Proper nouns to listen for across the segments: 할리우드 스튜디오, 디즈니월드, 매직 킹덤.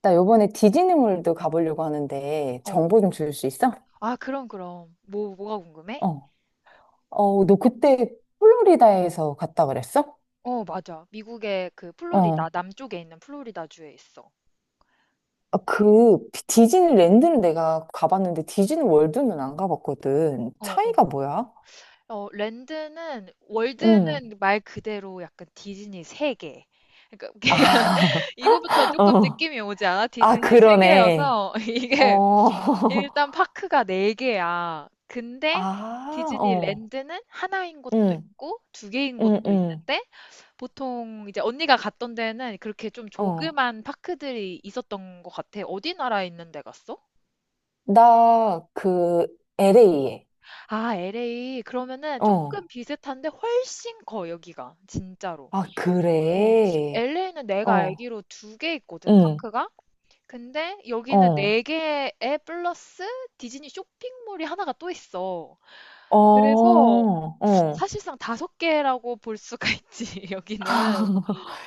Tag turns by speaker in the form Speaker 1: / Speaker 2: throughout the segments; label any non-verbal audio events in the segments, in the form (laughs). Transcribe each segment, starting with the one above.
Speaker 1: 나 요번에 디즈니월드 가보려고 하는데
Speaker 2: 어. 어.
Speaker 1: 정보 좀 줄 수 있어?
Speaker 2: 아, 그럼, 그럼. 뭐가 궁금해?
Speaker 1: 어. 어, 너 그때 플로리다에서 갔다 그랬어?
Speaker 2: 어, 맞아. 미국의 그 플로리다,
Speaker 1: 어.
Speaker 2: 남쪽에 있는 플로리다주에 있어.
Speaker 1: 아, 그 디즈니랜드는 내가 가봤는데 디즈니월드는 안 가봤거든.
Speaker 2: 어, 어.
Speaker 1: 차이가 뭐야?
Speaker 2: 어, 랜드는,
Speaker 1: 응.
Speaker 2: 월드는 말 그대로 약간 디즈니 세계. 그러니까
Speaker 1: 아,
Speaker 2: (laughs) 이거부터
Speaker 1: (laughs)
Speaker 2: 조금
Speaker 1: 어.
Speaker 2: 느낌이 오지 않아?
Speaker 1: 아,
Speaker 2: 디즈니
Speaker 1: 그러네.
Speaker 2: 세계여서 (laughs) 이게
Speaker 1: 어.
Speaker 2: 일단
Speaker 1: (laughs)
Speaker 2: 파크가 네 개야. 근데
Speaker 1: 아,
Speaker 2: 디즈니
Speaker 1: 어.
Speaker 2: 랜드는 하나인 곳도
Speaker 1: 응,
Speaker 2: 있고 두 개인
Speaker 1: 응,
Speaker 2: 곳도
Speaker 1: 응.
Speaker 2: 있는데 보통 이제 언니가 갔던 데는 그렇게 좀
Speaker 1: 어.
Speaker 2: 조그만 파크들이 있었던 것 같아. 어디 나라에 있는 데 갔어?
Speaker 1: 나 그 LA에.
Speaker 2: 아, LA. 그러면은 조금
Speaker 1: 어.
Speaker 2: 비슷한데 훨씬 커, 여기가. 진짜로.
Speaker 1: 아,
Speaker 2: 어,
Speaker 1: 그래.
Speaker 2: LA는 내가
Speaker 1: 어.
Speaker 2: 알기로 두 개 있거든,
Speaker 1: 응.
Speaker 2: 파크가. 근데 여기는
Speaker 1: 어,
Speaker 2: 네 개에 플러스 디즈니 쇼핑몰이 하나가 또 있어.
Speaker 1: 어,
Speaker 2: 그래서
Speaker 1: 어.
Speaker 2: 사실상 다섯 개라고 볼 수가 있지, (laughs) 여기는.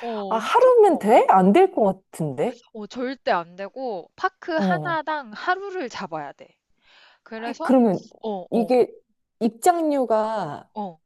Speaker 2: 어,
Speaker 1: 아,
Speaker 2: 엄청
Speaker 1: 하루면
Speaker 2: 커.
Speaker 1: 돼? 안 될 것 같은데?
Speaker 2: 어, 절대 안 되고, 파크
Speaker 1: 어.
Speaker 2: 하나당 하루를 잡아야 돼. 그래서,
Speaker 1: 그러면
Speaker 2: 어, 어,
Speaker 1: 이게 입장료가
Speaker 2: 어.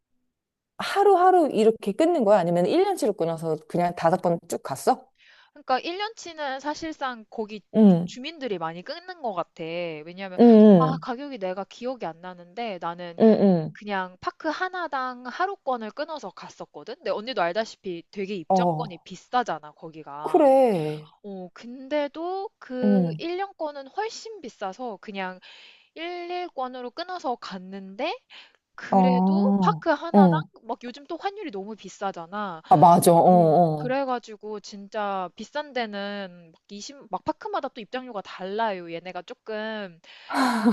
Speaker 1: 하루하루 이렇게 끊는 거야? 아니면 1년치로 끊어서 그냥 다섯 번 쭉 갔어?
Speaker 2: 그러니까 1년치는 사실상 거기 주-
Speaker 1: 응,
Speaker 2: 주민들이 많이 끊는 것 같아. 왜냐하면,
Speaker 1: 응,
Speaker 2: 아,
Speaker 1: 응,
Speaker 2: 가격이 내가 기억이 안 나는데, 나는
Speaker 1: 응,
Speaker 2: 그냥 파크 하나당 하루권을 끊어서 갔었거든? 근데 언니도 알다시피 되게
Speaker 1: 응.
Speaker 2: 입장권이
Speaker 1: 어,
Speaker 2: 비싸잖아, 거기가.
Speaker 1: 그래.
Speaker 2: 어, 근데도 그
Speaker 1: 응,
Speaker 2: 1년권은 훨씬 비싸서 그냥 1일권으로 끊어서 갔는데, 그래도
Speaker 1: 어,
Speaker 2: 파크 하나당
Speaker 1: 어.
Speaker 2: 막 요즘 또 환율이 너무 비싸잖아.
Speaker 1: 아, 맞아. 어,
Speaker 2: 음.
Speaker 1: 어.
Speaker 2: 그래가지고 진짜 비싼 데는 막 이십, 막 파크마다 또 입장료가 달라요. 얘네가 조금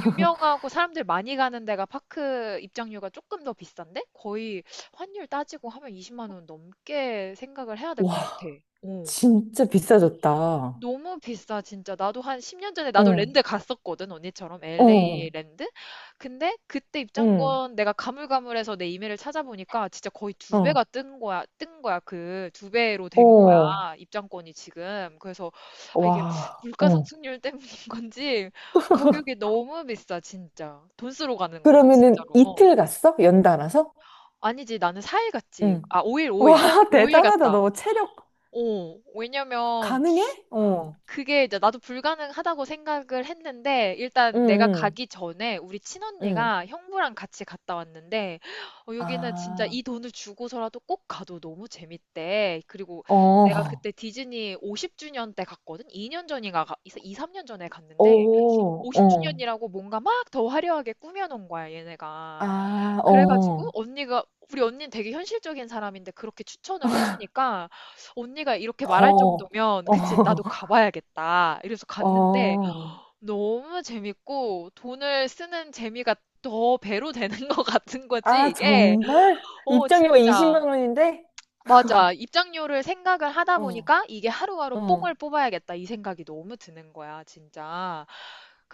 Speaker 2: 유명하고 사람들 많이 가는 데가 파크 입장료가 조금 더 비싼데? 거의 환율 따지고 하면 20만 원 넘게 생각을 해야 될 것 같아.
Speaker 1: 와,
Speaker 2: 어.
Speaker 1: 진짜 비싸졌다.
Speaker 2: 너무 비싸, 진짜. 나도 한 10년 전에 나도
Speaker 1: 응,
Speaker 2: 랜드 갔었거든, 언니처럼. LA
Speaker 1: 어,
Speaker 2: 랜드? 근데 그때
Speaker 1: 응,
Speaker 2: 입장권 내가 가물가물해서 내 이메일을 찾아보니까 진짜 거의 두 배가
Speaker 1: 어.
Speaker 2: 뜬 거야, 뜬 거야. 그 두 배로 된 거야,
Speaker 1: 어.
Speaker 2: 입장권이 지금. 그래서, 아, 이게
Speaker 1: 와,
Speaker 2: 물가
Speaker 1: 어.
Speaker 2: 상승률 때문인 (laughs) 건지 가격이 너무 비싸, 진짜. 돈 쓰러 가는 곳,
Speaker 1: 그러면은
Speaker 2: 진짜로. 어.
Speaker 1: 이틀 갔어? 연달아서?
Speaker 2: 아니지, 나는 4일 갔지.
Speaker 1: 응.
Speaker 2: 아, 5일,
Speaker 1: 와,
Speaker 2: 5일.
Speaker 1: (laughs)
Speaker 2: 5일
Speaker 1: 대단하다.
Speaker 2: 갔다.
Speaker 1: 너 체력
Speaker 2: 어, 왜냐면
Speaker 1: 가능해? 어.
Speaker 2: 그게 이제 나도 불가능하다고 생각을 했는데
Speaker 1: 응,
Speaker 2: 일단 내가
Speaker 1: 응,
Speaker 2: 가기 전에 우리
Speaker 1: 응.
Speaker 2: 친언니가 형부랑 같이 갔다 왔는데 어, 여기는 진짜
Speaker 1: 아,
Speaker 2: 이 돈을 주고서라도 꼭 가도 너무 재밌대. 그리고 내가
Speaker 1: 어.
Speaker 2: 그때 디즈니 50주년 때 갔거든. 2년 전인가 가, 2, 3년 전에 갔는데
Speaker 1: 오, 어.
Speaker 2: 50주년이라고 뭔가 막 더 화려하게 꾸며놓은 거야, 얘네가.
Speaker 1: 아,
Speaker 2: 그래가지고
Speaker 1: 어.
Speaker 2: 언니가 우리 언니는 되게 현실적인 사람인데 그렇게 추천을 해주니까 언니가 이렇게 말할
Speaker 1: 더.
Speaker 2: 정도면
Speaker 1: 어.
Speaker 2: 그치 나도 가봐야겠다 이래서
Speaker 1: (laughs)
Speaker 2: 갔는데
Speaker 1: 어.
Speaker 2: 너무 재밌고 돈을 쓰는 재미가 더 배로 되는 (laughs) 것 같은 거지,
Speaker 1: 아,
Speaker 2: 이게.
Speaker 1: 정말?
Speaker 2: 어,
Speaker 1: 입장료가
Speaker 2: 진짜.
Speaker 1: 20만 원인데?
Speaker 2: 맞아, 입장료를 생각을 하다
Speaker 1: 어.
Speaker 2: 보니까 이게 하루하루 뽕을
Speaker 1: 어.
Speaker 2: 뽑아야겠다 이 생각이 너무 드는 거야, 진짜.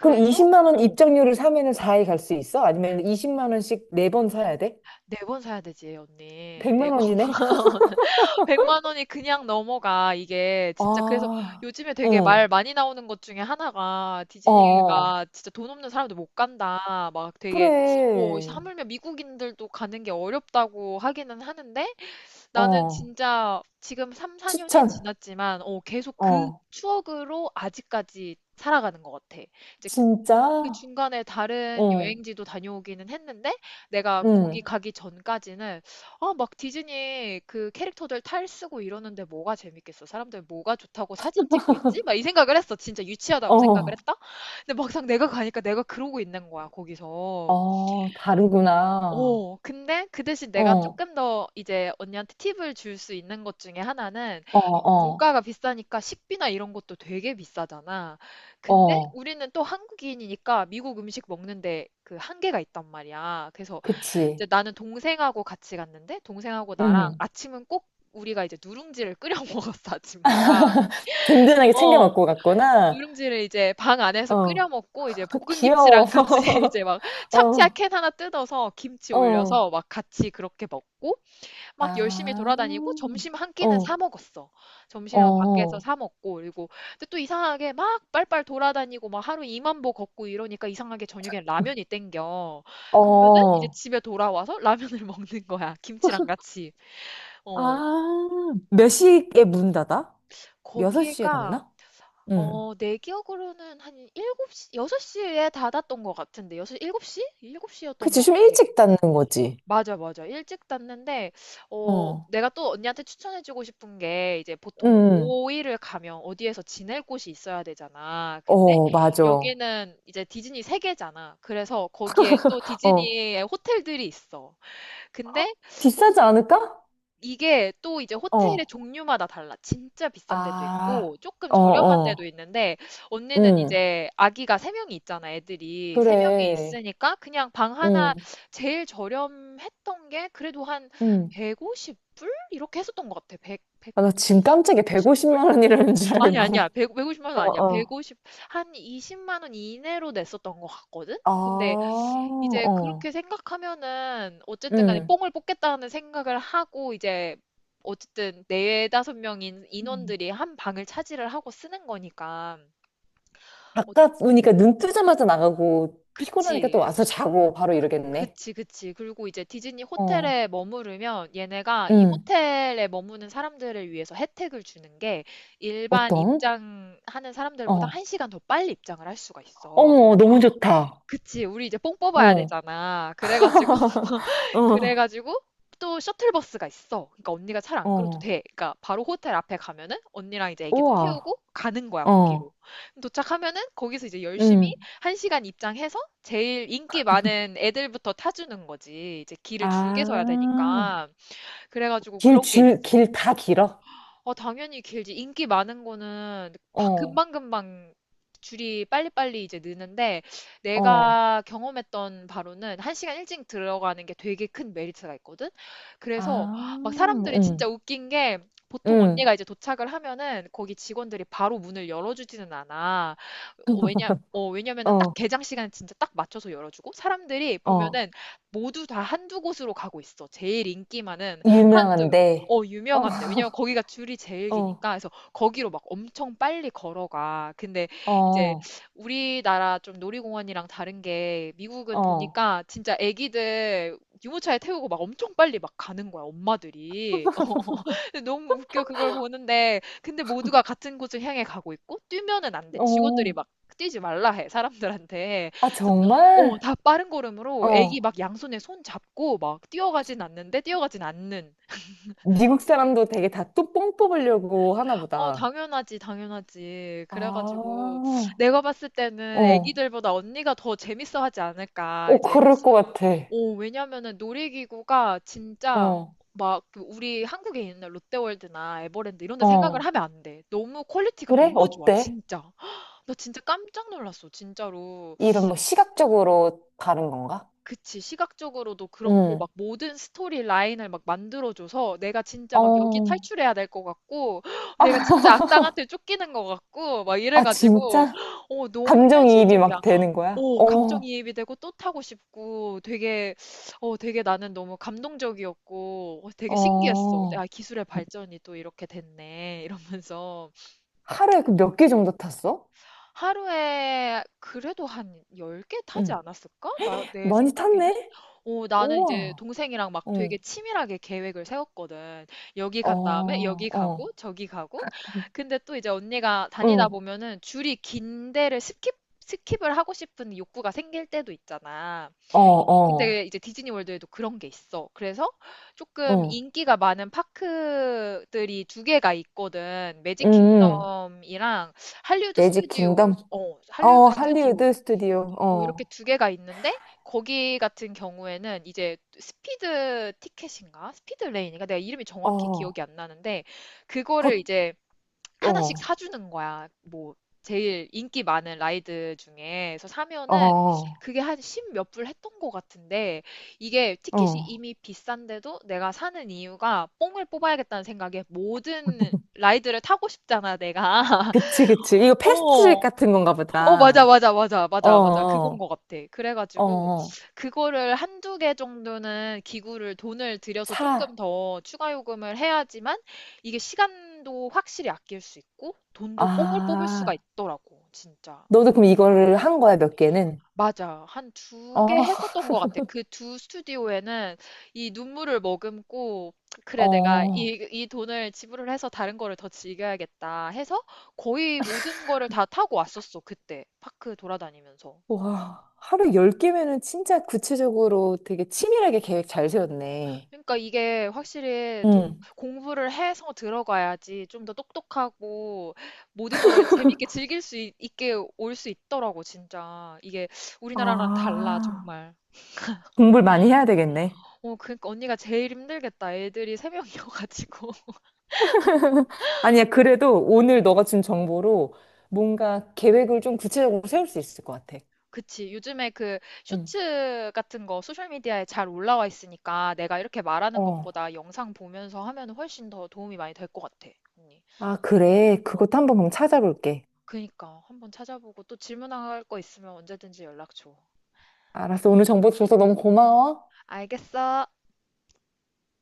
Speaker 1: 그럼 20만 원
Speaker 2: 어,
Speaker 1: 입장료를 사면은 4회갈 수 있어? 아니면 20만 원씩 4번 사야 돼?
Speaker 2: 네 번 사야 되지 언니,
Speaker 1: 100만
Speaker 2: 4번.
Speaker 1: 원이네?
Speaker 2: 100만 원이 그냥 넘어가, 이게. 진짜. 그래서
Speaker 1: 아,
Speaker 2: 요즘에 되게 말
Speaker 1: 어,
Speaker 2: 많이 나오는 것 중에 하나가,
Speaker 1: 어,
Speaker 2: 디즈니가 진짜 돈 없는 사람들 못 간다. 막 되게, 어,
Speaker 1: 그래.
Speaker 2: 하물며 미국인들도 가는 게 어렵다고 하기는 하는데 나는
Speaker 1: 어,
Speaker 2: 진짜 지금 3, 4년이
Speaker 1: 추천.
Speaker 2: 지났지만, 어, 계속 그
Speaker 1: 어,
Speaker 2: 추억으로 아직까지 살아가는 것 같아. 이제 그
Speaker 1: 진짜?
Speaker 2: 중간에 다른
Speaker 1: 어.
Speaker 2: 여행지도 다녀오기는 했는데 내가 거기
Speaker 1: 응,
Speaker 2: 가기 전까지는, 아, 막 디즈니 그 캐릭터들 탈 쓰고 이러는데 뭐가 재밌겠어? 사람들 뭐가 좋다고 사진 찍고 있지? 막 이 생각을 했어. 진짜 유치하다고 생각을
Speaker 1: 어,
Speaker 2: 했다. 근데 막상 내가 가니까 내가 그러고 있는 거야, 거기서.
Speaker 1: 어, 다르구나.
Speaker 2: 어, 근데 그 대신 내가
Speaker 1: 어,
Speaker 2: 조금 더 이제 언니한테 팁을 줄 수 있는 것 중에 하나는
Speaker 1: 어, 어,
Speaker 2: 물가가 비싸니까 식비나 이런 것도 되게 비싸잖아. 근데
Speaker 1: 어,
Speaker 2: 우리는 또 한국인이니까 미국 음식 먹는데 그 한계가 있단 말이야. 그래서
Speaker 1: 그치.
Speaker 2: 이제 나는 동생하고 같이 갔는데 동생하고 나랑
Speaker 1: 응,
Speaker 2: 아침은 꼭 우리가 이제 누룽지를 끓여 (laughs) 먹었어, 아침마다.
Speaker 1: 든든하게 챙겨
Speaker 2: 어,
Speaker 1: 먹고 갔구나.
Speaker 2: 누룽지를 이제 방 안에서 끓여
Speaker 1: 어,
Speaker 2: 먹고 이제
Speaker 1: (laughs)
Speaker 2: 볶은
Speaker 1: 귀여워.
Speaker 2: 김치랑 같이 (laughs) 이제 막
Speaker 1: (laughs)
Speaker 2: 참치야
Speaker 1: 어,
Speaker 2: 캔 하나 뜯어서 김치
Speaker 1: 어,
Speaker 2: 올려서 막 같이 그렇게 먹고 막 열심히
Speaker 1: 아,
Speaker 2: 돌아다니고 점심 한 끼는 사
Speaker 1: 어,
Speaker 2: 먹었어. 점심은 밖에서
Speaker 1: 어,
Speaker 2: 사 먹고 그리고 근데 또 이상하게 막 빨빨 돌아다니고 막 하루 2만 보 걷고 이러니까 이상하게 저녁엔 라면이 땡겨. 그러면은 이제
Speaker 1: 어.
Speaker 2: 집에 돌아와서 라면을 (laughs) 먹는 거야. 김치랑 같이. 어,
Speaker 1: 아, 몇 시에 문 닫아? 6시에
Speaker 2: 거기가
Speaker 1: 닫나? 응.
Speaker 2: 어, 내 기억으로는 한 일곱 시 6시에 닫았던 것 같은데, 여섯 일 7시? 7시였던
Speaker 1: 그치,
Speaker 2: 것
Speaker 1: 좀
Speaker 2: 같아.
Speaker 1: 일찍 닫는 거지.
Speaker 2: 맞아, 맞아. 일찍 닫는데, 어,
Speaker 1: 어.
Speaker 2: 내가 또 언니한테 추천해주고 싶은 게, 이제 보통
Speaker 1: 응,
Speaker 2: 5일을 가면 어디에서 지낼 곳이 있어야 되잖아. 근데
Speaker 1: 어, 맞아.
Speaker 2: 여기는 이제 디즈니 세계잖아. 그래서 거기에 또
Speaker 1: 어,
Speaker 2: 디즈니의 호텔들이 있어. 근데
Speaker 1: 비싸지 않을까?
Speaker 2: 이게 또 이제 호텔의
Speaker 1: 어,
Speaker 2: 종류마다 달라. 진짜 비싼 데도
Speaker 1: 아,
Speaker 2: 있고 조금
Speaker 1: 어,
Speaker 2: 저렴한 데도
Speaker 1: 어,
Speaker 2: 있는데 언니는
Speaker 1: 응
Speaker 2: 이제 아기가 세명이 있잖아, 애들이. 세명이
Speaker 1: 그래,
Speaker 2: 있으니까 그냥 방 하나,
Speaker 1: 응
Speaker 2: 제일 저렴했던 게 그래도 한
Speaker 1: 응.
Speaker 2: 150불? 이렇게 했었던 것 같아. 100,
Speaker 1: 아, 나 지금
Speaker 2: 120,
Speaker 1: 깜짝이야.
Speaker 2: 150불?
Speaker 1: 150만 원이라는 줄
Speaker 2: 아니, 아니야.
Speaker 1: 알고.
Speaker 2: 1 5 0
Speaker 1: (laughs)
Speaker 2: 만원
Speaker 1: 어,
Speaker 2: 아니야.
Speaker 1: 어,
Speaker 2: 150, 한 20만 원 이내로 냈었던 것 같거든?
Speaker 1: 아,
Speaker 2: 근데 이제
Speaker 1: 어,
Speaker 2: 그렇게 생각하면은 어쨌든 간에
Speaker 1: 응
Speaker 2: 뽕을 뽑겠다는 생각을 하고 이제 어쨌든 네다섯 명인
Speaker 1: 음.
Speaker 2: 인원들이 한 방을 차지를 하고 쓰는 거니까. 어,
Speaker 1: 아까 보니까 눈 뜨자마자 나가고, 피곤하니까 또
Speaker 2: 그치
Speaker 1: 와서 자고 바로 이러겠네.
Speaker 2: 그치 그치. 그리고 이제 디즈니
Speaker 1: 어.
Speaker 2: 호텔에 머무르면 얘네가 이
Speaker 1: 응,
Speaker 2: 호텔에 머무는 사람들을 위해서 혜택을 주는 게, 일반
Speaker 1: 어떤?
Speaker 2: 입장하는 사람들보다
Speaker 1: 어.
Speaker 2: 한시간더 빨리 입장을 할 수가 있어.
Speaker 1: 어머, 너무 좋다.
Speaker 2: 그치, 우리 이제 뽕 뽑아야
Speaker 1: 어,
Speaker 2: 되잖아. 그래가지고, (laughs)
Speaker 1: 어,
Speaker 2: 그래가지고, 또 셔틀버스가 있어. 그러니까 언니가 차를 안 끌어도
Speaker 1: 어.
Speaker 2: 돼. 그러니까 바로 호텔 앞에 가면은 언니랑 이제 애기들 태우고
Speaker 1: 우와,
Speaker 2: 가는 거야, 거기로.
Speaker 1: 어,
Speaker 2: 그럼 도착하면은 거기서 이제 열심히
Speaker 1: 응.
Speaker 2: 한시간 입장해서 제일 인기 많은 애들부터 타주는 거지. 이제 길을 줄게 서야
Speaker 1: 아,
Speaker 2: 되니까. 그래가지고
Speaker 1: 길,
Speaker 2: 그런 게
Speaker 1: 줄,
Speaker 2: 있어.
Speaker 1: 길 다 길어?
Speaker 2: 어, 당연히 길지. 인기 많은 거는
Speaker 1: 어,
Speaker 2: 금방금방 줄이 빨리빨리 이제 느는데
Speaker 1: 어.
Speaker 2: 내가 경험했던 바로는 한시간 일찍 들어가는 게 되게 큰 메리트가 있거든. 그래서
Speaker 1: 아,
Speaker 2: 막 사람들이 진짜
Speaker 1: 응,
Speaker 2: 웃긴 게 보통
Speaker 1: 응.
Speaker 2: 언니가 이제 도착을 하면은 거기 직원들이 바로 문을 열어주지는 않아. 어, 왜냐면은 딱
Speaker 1: 어,
Speaker 2: 개장 시간 진짜 딱 맞춰서 열어주고 사람들이
Speaker 1: 어.
Speaker 2: 보면은 모두 다 한두 곳으로 가고 있어. 제일 인기 많은 한두,
Speaker 1: 유명한데. 어,
Speaker 2: 유명한데. 왜냐면 거기가 줄이 제일
Speaker 1: (laughs) 어,
Speaker 2: 기니까. 그래서 거기로 막 엄청 빨리 걸어가. 근데 이제
Speaker 1: 어,
Speaker 2: 우리나라 좀 놀이공원이랑 다른 게 미국은
Speaker 1: 어,
Speaker 2: 보니까 진짜 애기들 유모차에 태우고 막 엄청 빨리 막 가는 거야, 엄마들이. (laughs) 근데 너무 웃겨, 그걸 보는데. 근데 모두가 같은 곳을 향해 가고 있고, 뛰면은 안 돼. 직원들이
Speaker 1: 어.
Speaker 2: 막 뛰지 말라 해, 사람들한테.
Speaker 1: 아,
Speaker 2: 그래서 어,
Speaker 1: 정말?
Speaker 2: 다 빠른 걸음으로 애기
Speaker 1: 어.
Speaker 2: 막 양손에 손 잡고 막 뛰어가진 않는데 뛰어가진 않는.
Speaker 1: 미국 사람도 되게 다 뚜껑 뽑으려고 하나
Speaker 2: 어,
Speaker 1: 보다.
Speaker 2: 당연하지, 당연하지.
Speaker 1: 아,
Speaker 2: 그래가지고 내가 봤을 때는
Speaker 1: 어.
Speaker 2: 애기들보다 언니가 더 재밌어 하지 않을까.
Speaker 1: 어,
Speaker 2: 이제,
Speaker 1: 그럴 것 같아.
Speaker 2: 어, 왜냐면은 놀이기구가 진짜
Speaker 1: 어,
Speaker 2: 막그 우리 한국에 있는 롯데월드나 에버랜드 이런 데 생각을
Speaker 1: 어.
Speaker 2: 하면 안 돼. 너무 퀄리티가
Speaker 1: 그래?
Speaker 2: 너무 좋아,
Speaker 1: 어때?
Speaker 2: 진짜. 나 진짜 깜짝 놀랐어, 진짜로.
Speaker 1: 이런 뭐 시각적으로 다른 건가?
Speaker 2: 그치. 시각적으로도 그렇고
Speaker 1: 응.
Speaker 2: 막 모든 스토리 라인을 막 만들어줘서 내가 진짜 막 여기
Speaker 1: 어.
Speaker 2: 탈출해야 될 것 같고 (gasps) 내가
Speaker 1: 아,
Speaker 2: 진짜 악당한테 쫓기는 것 같고 막
Speaker 1: 아,
Speaker 2: 이래가지고
Speaker 1: 진짜?
Speaker 2: (gasps) 어, 너무
Speaker 1: 감정이입이 막
Speaker 2: 현실적이야.
Speaker 1: 되는 거야?
Speaker 2: 오,
Speaker 1: 어,
Speaker 2: 감정이입이 되고 또 타고 싶고 되게, 어, 되게 나는 너무 감동적이었고, 어, 되게 신기했어. 아,
Speaker 1: 어.
Speaker 2: 기술의 발전이 또 이렇게 됐네 이러면서.
Speaker 1: 하루에 그 몇 개 정도 탔어?
Speaker 2: 하루에 그래도 한 10개 타지
Speaker 1: 응.
Speaker 2: 않았을까? 내
Speaker 1: 많이
Speaker 2: 생각에는?
Speaker 1: 탔네?
Speaker 2: 어, 나는 이제
Speaker 1: 우와.
Speaker 2: 동생이랑 막 되게
Speaker 1: 응.
Speaker 2: 치밀하게 계획을 세웠거든. 여기 간 다음에
Speaker 1: 어,
Speaker 2: 여기 가고
Speaker 1: 어.
Speaker 2: 저기 가고. 근데 또 이제 언니가 다니다
Speaker 1: 응.
Speaker 2: 보면은 줄이 긴 데를 스킵을 하고 싶은 욕구가 생길 때도 있잖아.
Speaker 1: 어, 어.
Speaker 2: 근데 이제 디즈니 월드에도 그런 게 있어. 그래서 조금
Speaker 1: 응.
Speaker 2: 인기가 많은 파크들이 두 개가 있거든. 매직
Speaker 1: 음.
Speaker 2: 킹덤이랑 할리우드
Speaker 1: 매직
Speaker 2: 스튜디오.
Speaker 1: 킹덤?
Speaker 2: 어,
Speaker 1: 어,
Speaker 2: 할리우드 스튜디오.
Speaker 1: 할리우드 스튜디오.
Speaker 2: 어, 이렇게
Speaker 1: 어.
Speaker 2: 두 개가 있는데 거기 같은 경우에는 이제 스피드 티켓인가? 스피드 레인인가? 내가 이름이 정확히
Speaker 1: 어.
Speaker 2: 기억이 안 나는데 그거를
Speaker 1: 더,
Speaker 2: 이제 하나씩
Speaker 1: 어.
Speaker 2: 사주는 거야. 뭐, 제일 인기 많은 라이드 중에. 그래서 사면은
Speaker 1: 어.
Speaker 2: 그게 한 십몇불 했던 것 같은데 이게 티켓이
Speaker 1: 어.
Speaker 2: 이미 비싼데도 내가 사는 이유가 뽕을 뽑아야겠다는 생각에 모든 라이드를 타고 싶잖아, 내가. (laughs)
Speaker 1: 그치, 그치. 이거 패스트리
Speaker 2: 어.
Speaker 1: 같은 건가
Speaker 2: 어, 맞아,
Speaker 1: 보다.
Speaker 2: 맞아, 맞아,
Speaker 1: 어,
Speaker 2: 맞아, 맞아. 그건
Speaker 1: 어,
Speaker 2: 것 같아.
Speaker 1: 어.
Speaker 2: 그래가지고,
Speaker 1: 어.
Speaker 2: 그거를 한두 개 정도는 기구를 돈을 들여서
Speaker 1: 사.
Speaker 2: 조금 더 추가 요금을 해야지만, 이게 시간도 확실히 아낄 수 있고, 돈도 뽕을 뽑을 수가
Speaker 1: 아.
Speaker 2: 있더라고, 진짜.
Speaker 1: 너도 그럼 이거를 한 거야, 몇 개는?
Speaker 2: 맞아. 한 두 개
Speaker 1: 어,
Speaker 2: 했었던 것 같아. 그 두 스튜디오에는 이 눈물을 머금고, 그래, 내가
Speaker 1: 어.
Speaker 2: 이 돈을 지불을 해서 다른 거를 더 즐겨야겠다 해서 거의 모든 거를 다 타고 왔었어, 그때. 파크 돌아다니면서.
Speaker 1: 와. 하루 열 개면은 진짜 구체적으로 되게 치밀하게 계획 잘 세웠네.
Speaker 2: 그러니까 이게 확실히 좀
Speaker 1: 응.
Speaker 2: 공부를 해서 들어가야지 좀 더 똑똑하고 모든 거를 재밌게 즐길 수 있, 게 올 수 있더라고, 진짜. 이게 우리나라랑 달라,
Speaker 1: 아.
Speaker 2: 정말.
Speaker 1: 공부를 많이 해야 되겠네.
Speaker 2: 어, 그러니까 언니가 제일 힘들겠다. 애들이 세 명이어가지고. (laughs)
Speaker 1: (laughs) 아니야, 그래도 오늘 너가 준 정보로 뭔가 계획을 좀 구체적으로 세울 수 있을 것 같아.
Speaker 2: 그치. 요즘에 그
Speaker 1: 응.
Speaker 2: 쇼츠 같은 거 소셜미디어에 잘 올라와 있으니까 내가 이렇게 말하는
Speaker 1: 어.
Speaker 2: 것보다 영상 보면서 하면 훨씬 더 도움이 많이 될 것 같아, 언니.
Speaker 1: 아, 그래.
Speaker 2: 어,
Speaker 1: 그것도 한번 그럼 찾아볼게.
Speaker 2: 그니까. 한번 찾아보고 또 질문할 거 있으면 언제든지 연락 줘.
Speaker 1: 알았어. 오늘 정보 줘서 너무 고마워.
Speaker 2: 알겠어.